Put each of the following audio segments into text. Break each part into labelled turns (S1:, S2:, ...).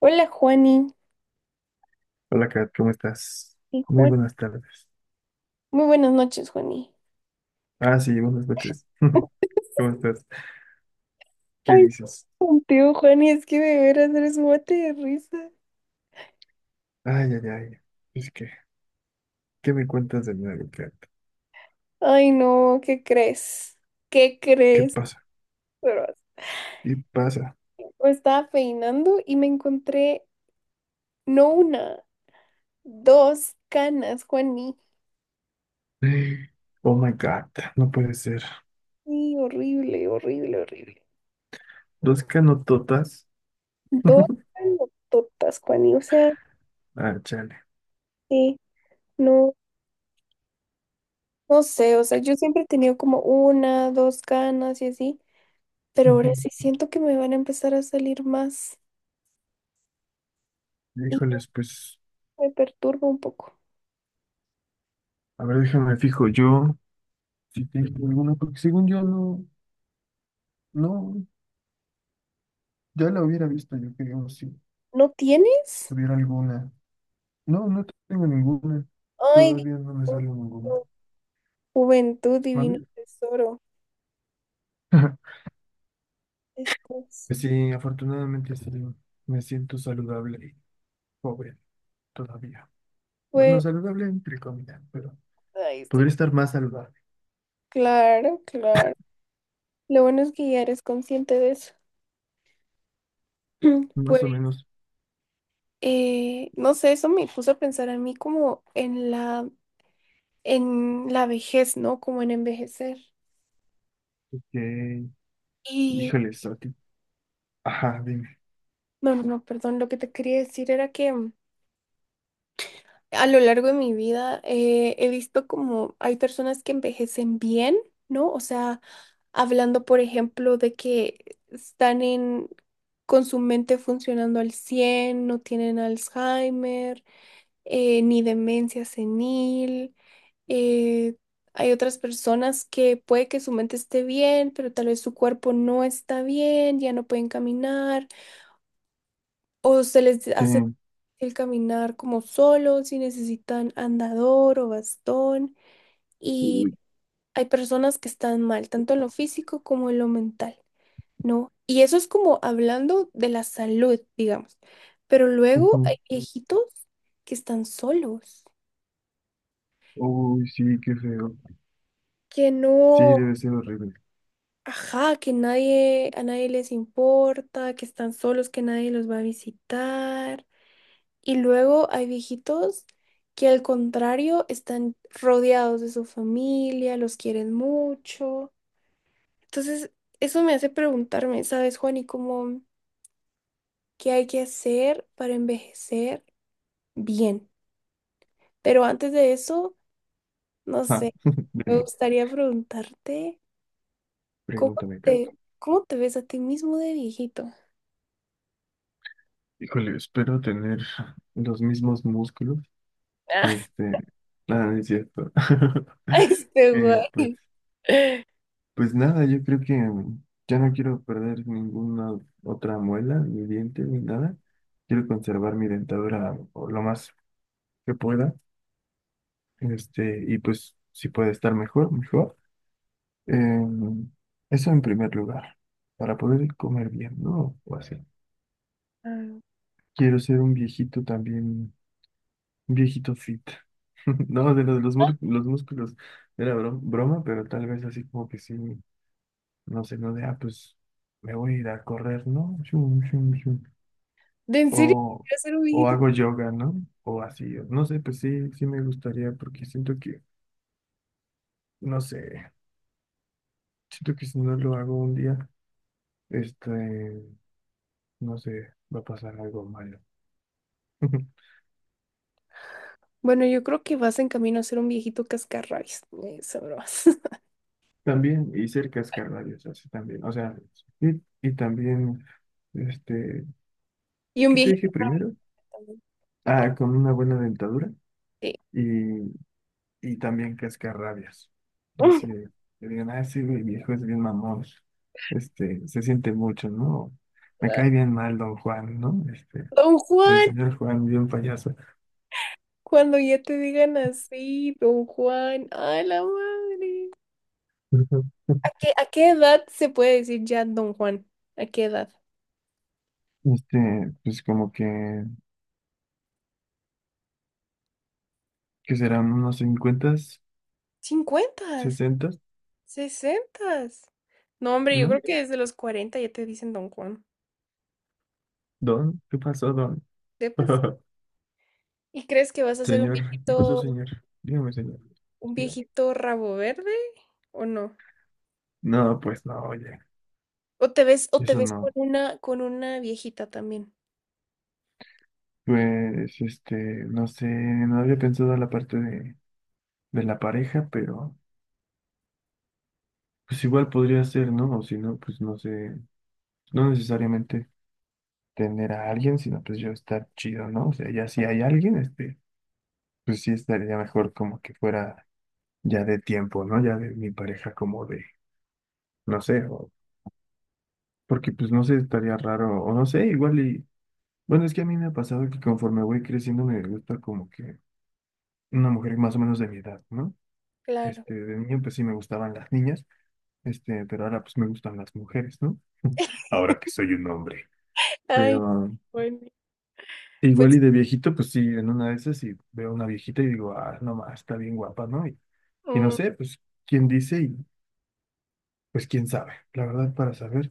S1: Hola, Juani.
S2: Hola, Kat, ¿cómo estás?
S1: Sí,
S2: Muy
S1: Juan.
S2: buenas tardes.
S1: Muy buenas noches, Juani.
S2: Ah, sí, buenas noches. ¿Cómo estás? ¿Qué
S1: Ay,
S2: dices?
S1: contigo, Juani, es que de veras eres un mate de risa.
S2: Ay, ay, ay. Es que, ¿qué me cuentas de nuevo, Kat?
S1: Ay, no, ¿qué crees? ¿Qué
S2: ¿Qué
S1: crees?
S2: pasa?
S1: Pero
S2: ¿Qué pasa?
S1: me estaba peinando y me encontré no una, dos canas, Juani.
S2: Oh my God, no puede ser.
S1: Sí, horrible, horrible, horrible.
S2: Dos canototas.
S1: Dos canototas, Juani. O sea,
S2: Ah, chale.
S1: sí, no, no sé, o sea, yo siempre he tenido como una, dos canas y así. Pero ahora
S2: Ujú.
S1: sí siento que me van a empezar a salir más y
S2: Híjoles, pues,
S1: me perturba un poco.
S2: a ver, déjame fijo yo si tengo alguna, porque según yo no, no, ya la hubiera visto yo, creo, si,
S1: ¿No
S2: si
S1: tienes?
S2: tuviera alguna. No, no tengo ninguna.
S1: Ay,
S2: Todavía no me
S1: Dios,
S2: sale ninguna.
S1: juventud, divino
S2: ¿Mande?
S1: tesoro. Esto es,
S2: Pues sí, afortunadamente sí, me siento saludable y joven todavía. Bueno,
S1: pues,
S2: saludable entre comillas, pero
S1: ay, estoy...
S2: podría estar más saludable,
S1: Claro, claro. Lo bueno es que ya eres consciente de eso.
S2: más o
S1: Pues,
S2: menos.
S1: no sé, eso me puso a pensar a mí como en en la vejez, ¿no? Como en envejecer.
S2: Que,
S1: Y,
S2: híjole, Soti. Ajá, dime.
S1: no, no, no, perdón, lo que te quería decir era que a lo largo de mi vida he visto como hay personas que envejecen bien, ¿no? O sea, hablando, por ejemplo, de que están con su mente funcionando al cien, no tienen Alzheimer, ni demencia senil. eh, hay otras personas que puede que su mente esté bien, pero tal vez su cuerpo no está bien, ya no pueden caminar o se les
S2: Sí.
S1: hace el caminar como solo, si necesitan andador o bastón. Y
S2: Uy,
S1: hay personas que están mal, tanto en lo físico como en lo mental, ¿no? Y eso es como hablando de la salud, digamos. Pero luego
S2: ujú.
S1: hay viejitos que están solos,
S2: Uy, sí, qué feo.
S1: que
S2: Sí,
S1: no,
S2: debe ser horrible.
S1: ajá, que nadie, a nadie les importa, que están solos, que nadie los va a visitar. Y luego hay viejitos que al contrario están rodeados de su familia, los quieren mucho. Entonces, eso me hace preguntarme, ¿sabes, Juan? Y cómo, ¿qué hay que hacer para envejecer bien? Pero antes de eso, no
S2: Ajá,
S1: sé, me
S2: dime,
S1: gustaría preguntarte, ¿cómo
S2: pregúntame, Kat.
S1: ¿cómo te ves a ti mismo de viejito?
S2: Híjole, espero tener los mismos músculos. Este, nada, no es cierto.
S1: Ah, este güey.
S2: Que pues pues nada, yo creo que ya no quiero perder ninguna otra muela, ni diente, ni nada. Quiero conservar mi dentadura o lo más que pueda. Y pues si puede estar mejor, mejor. Em, eso en primer lugar, para poder comer bien, ¿no? O así.
S1: Ah,
S2: Quiero ser un viejito también, un viejito fit. No, de los músculos era broma, pero tal vez así como que sí, no sé, no de, ah, pues me voy a ir a correr, ¿no?
S1: ¿de en serio
S2: O,
S1: quieres ser un
S2: o
S1: viejito?
S2: hago yoga, ¿no? O así, o no sé, pues sí, sí me gustaría porque siento que, no sé, siento que si no lo hago un día, este, no sé, va a pasar algo malo.
S1: Bueno, yo creo que vas en camino a ser un viejito cascarrabias. Sabrás.
S2: También hice el cascanueces, así también, o sea, y también, este,
S1: Y un
S2: ¿qué te
S1: viejito
S2: dije primero?
S1: también.
S2: Ah, con una buena dentadura
S1: Sí.
S2: y y también cascarrabias. Así de, que digan, ah, sí, güey, viejo es bien mamón, se siente mucho, ¿no? Me cae bien mal don Juan, ¿no?
S1: Don
S2: O el
S1: Juan,
S2: señor Juan, bien payaso.
S1: cuando ya te digan así, Don Juan, a la madre.
S2: Ujú.
S1: ¿A qué edad se puede decir ya Don Juan? ¿A qué edad?
S2: Pues como que serán unos 50
S1: ¿Cincuentas?
S2: 60,
S1: ¿Sesentas? No, hombre, yo creo
S2: ¿no?
S1: que desde los 40 ya te dicen Don Juan.
S2: Don, ¿qué pasó, don?
S1: ¿Sepas? ¿Y crees que vas a ser un
S2: Señor, ¿qué pasó, señor? Dígame, señor,
S1: un
S2: dígame.
S1: viejito rabo verde o no?
S2: No, pues no, oye,
S1: O te
S2: eso
S1: ves con
S2: no.
S1: con una viejita también.
S2: Pues, no sé, no había pensado la parte de la pareja, pero pues igual podría ser, ¿no? O si no, pues no sé, no necesariamente tener a alguien, sino pues yo estar chido, ¿no? O sea, ya si hay alguien, pues sí estaría mejor como que fuera ya de tiempo, ¿no? Ya de mi pareja como de, no sé, o porque pues no sé, estaría raro, o no sé, igual y, bueno, es que a mí me ha pasado que conforme voy creciendo me gusta como que una mujer más o menos de mi edad, ¿no?
S1: Claro.
S2: De niño pues sí me gustaban las niñas, pero ahora pues me gustan las mujeres, ¿no? Ahora que soy un hombre.
S1: Ay,
S2: Pero
S1: bueno,
S2: igual y
S1: pues,
S2: de viejito, pues sí, en una de esas y veo una viejita y digo, ah, no más, está bien guapa, ¿no? Y no
S1: mm,
S2: sé, pues quién dice y pues quién sabe. La verdad, para saber,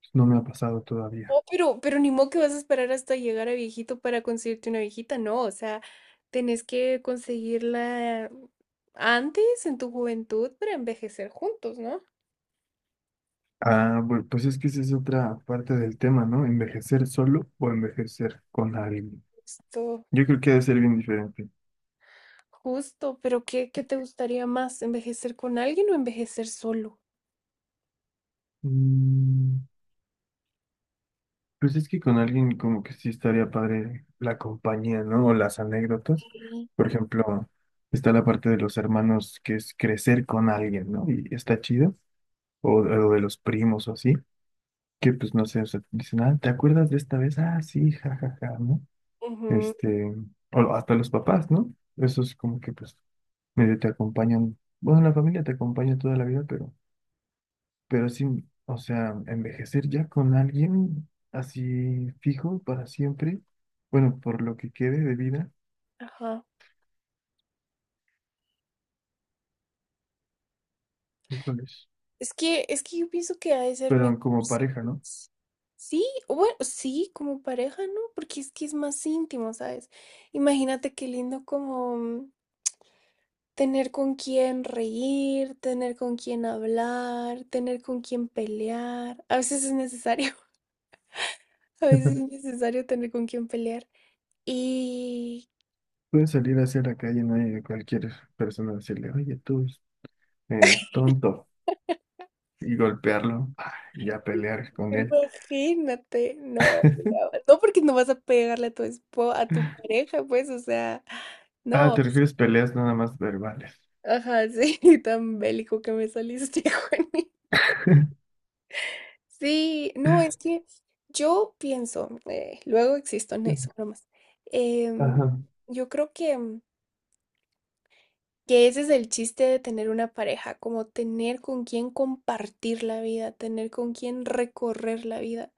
S2: pues, no me ha pasado todavía.
S1: oh, pero ni modo que vas a esperar hasta llegar a viejito para conseguirte una viejita, no, o sea, tenés que conseguirla antes, en tu juventud, para envejecer juntos, ¿no?
S2: Ah, bueno pues es que esa es otra parte del tema, ¿no? Envejecer solo o envejecer con alguien.
S1: Justo,
S2: Yo creo que ha de ser bien diferente.
S1: justo, pero ¿qué te gustaría más? ¿Envejecer con alguien o envejecer solo?
S2: Mm, pues es que con alguien como que sí estaría padre la compañía, ¿no? O las anécdotas.
S1: Sí.
S2: Por ejemplo, está la parte de los hermanos que es crecer con alguien, ¿no? Y está chido. O de los primos o así, que pues no sé, o sea, dicen, ah, ¿te acuerdas de esta vez? Ah, sí, jajaja, ¿no?
S1: Ujú,
S2: Este, o hasta los papás, ¿no? Eso es como que pues medio te acompañan, bueno, la familia te acompaña toda la vida, pero sí, o sea, envejecer ya con alguien así fijo para siempre, bueno, por lo que quede de vida,
S1: ajá.
S2: híjoles,
S1: Es que yo pienso que ha de ser mejor.
S2: pero como pareja, ¿no?
S1: ¿Sabes? Sí, o bueno, sí, como pareja, ¿no? Porque es que es más íntimo, ¿sabes? Imagínate qué lindo como mm, tener con quién reír, tener con quién hablar, tener con quién pelear. A veces es necesario, a veces es necesario tener con quién pelear. Y
S2: Puedes salir hacia la calle, no hay cualquier persona decirle, oye, tú, tonto, y golpearlo, ah, y ya pelear con él.
S1: imagínate, no, porque no vas a pegarle a tu esposa, a tu pareja, pues, o sea,
S2: Ah,
S1: no.
S2: te refieres peleas nada más verbales.
S1: Ajá, sí, tan bélico que me saliste, Juani. Sí, no, es que yo pienso, luego existo en eso, bromas. em,
S2: Ajá.
S1: yo creo que, mm, que ese es el chiste de tener una pareja, como tener con quién compartir la vida, tener con quién recorrer la vida,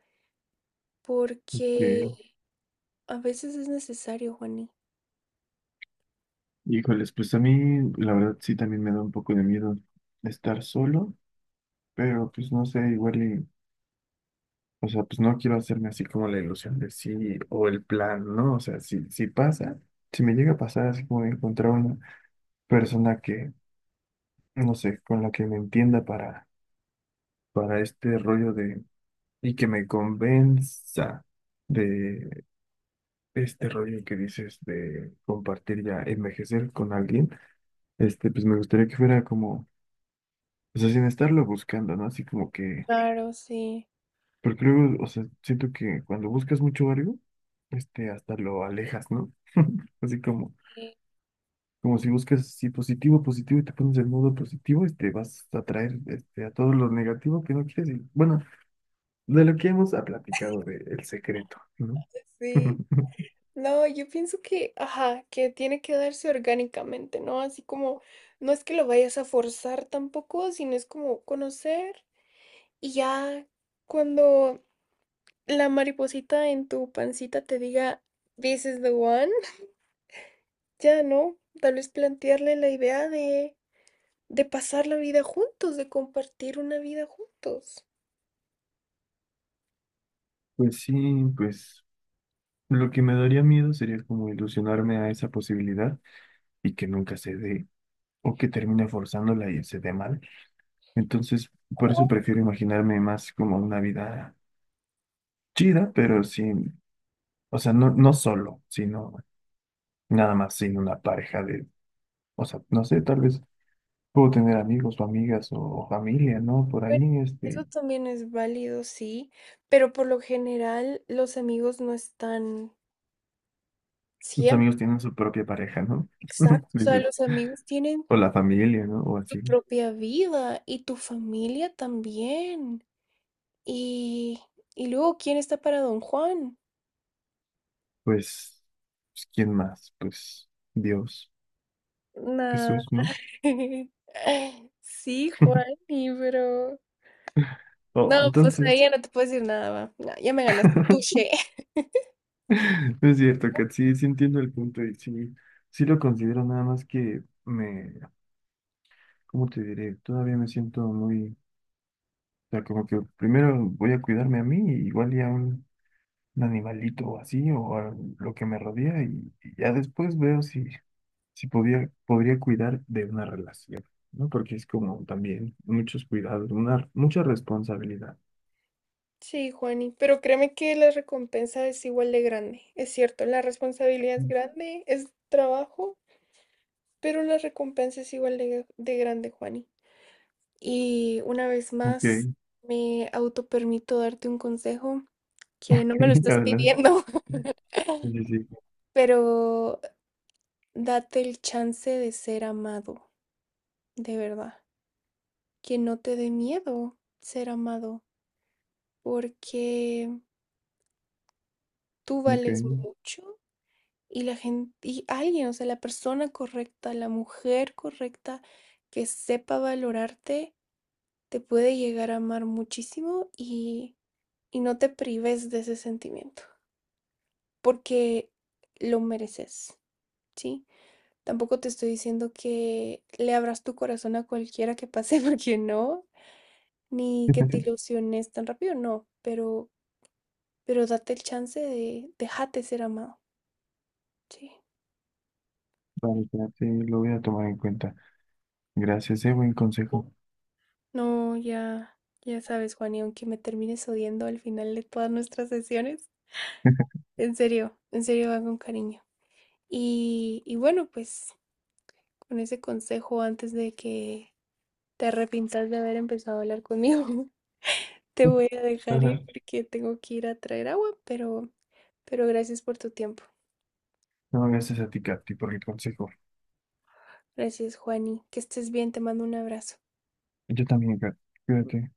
S1: porque
S2: Que,
S1: a veces es necesario, Juani.
S2: híjoles, pues a mí la verdad sí también me da un poco de miedo estar solo, pero pues no sé, igual y o sea, pues no quiero hacerme así como la ilusión de sí o el plan, ¿no? O sea, si pasa, si me llega a pasar así como de encontrar una persona que, no sé, con la que me entienda para este rollo de, y que me convenza de este rollo que dices de compartir ya envejecer con alguien, pues me gustaría que fuera como, o sea, sin estarlo buscando, ¿no? Así como que
S1: Claro, sí.
S2: porque luego, o sea, siento que cuando buscas mucho algo, hasta lo alejas, ¿no? Así como, como si buscas si positivo, positivo y te pones en modo positivo, vas a atraer este, a todo lo negativo que no quieres. Y, bueno, de lo que hemos platicado de el secreto, ¿no?
S1: Sí. No, yo pienso que, ajá, que tiene que darse orgánicamente, ¿no? Así como, no es que lo vayas a forzar tampoco, sino es como conocer y ya cuando la mariposita en tu pancita te diga, this is the one, ya, ¿no? Tal vez plantearle la idea de pasar la vida juntos, de compartir una vida juntos.
S2: Pues sí, pues lo que me daría miedo sería como ilusionarme a esa posibilidad y que nunca se dé, o que termine forzándola y se dé mal. Entonces, por eso
S1: Oh,
S2: prefiero imaginarme más como una vida chida, pero sin, o sea, no, no solo, sino nada más sin una pareja de, o sea, no sé, tal vez puedo tener amigos o amigas o familia, ¿no? Por
S1: bueno,
S2: ahí,
S1: eso también es válido, sí, pero por lo general los amigos no están
S2: los
S1: siempre.
S2: amigos tienen su propia pareja, ¿no?
S1: Exacto, o sea,
S2: Dices,
S1: los amigos tienen
S2: o la familia, ¿no? O
S1: su
S2: así.
S1: propia vida y tu familia también. Y, y luego, ¿quién está para Don Juan?
S2: Pues, pues, ¿quién más? Pues Dios,
S1: Nah.
S2: Jesús, ¿no?
S1: Sí, Juan, pero
S2: Oh,
S1: no, pues
S2: entonces,
S1: ahí ya no te puedo decir nada, va. No, ya me ganaste.
S2: no
S1: Touché.
S2: es cierto, que sí, sí entiendo el punto y sí, sí lo considero nada más que me, ¿cómo te diré? Todavía me siento muy sea, como que primero voy a cuidarme a mí, igual y a un animalito o así, o a lo que me rodea, y ya después veo si, si podía, podría cuidar de una relación, ¿no? Porque es como también muchos cuidados, una, mucha responsabilidad.
S1: Sí, Juani, pero créeme que la recompensa es igual de grande. Es cierto, la responsabilidad es
S2: Mm.
S1: grande, es trabajo, pero la recompensa es igual de grande, Juani. Y una vez más,
S2: Ok,
S1: me autopermito darte un consejo que no me lo estás
S2: adelante.
S1: pidiendo,
S2: Sí, sí,
S1: pero date el chance de ser amado, de verdad. Que no te dé miedo ser amado, porque tú vales
S2: ok.
S1: mucho y alguien, o sea, la persona correcta, la mujer correcta que sepa valorarte, te puede llegar a amar muchísimo y no te prives de ese sentimiento. Porque lo mereces, ¿sí? Tampoco te estoy diciendo que le abras tu corazón a cualquiera que pase, porque no, ni que te ilusiones tan rápido, no, pero date el chance de, déjate ser amado, ¿sí?
S2: Vale, ya, sí, lo voy a tomar en cuenta. Gracias, buen consejo.
S1: No, ya, ya sabes, Juan, y aunque me termines odiando al final de todas nuestras sesiones, en serio va con cariño. Y bueno, pues con ese consejo antes de que te arrepintas de haber empezado a hablar conmigo. Te voy a dejar
S2: Ajá.
S1: ir porque tengo que ir a traer agua, pero gracias por tu tiempo.
S2: No, gracias a ti, Katy, por el consejo.
S1: Gracias, Juani. Que estés bien, te mando un abrazo.
S2: Yo también, Katy. Cuídate.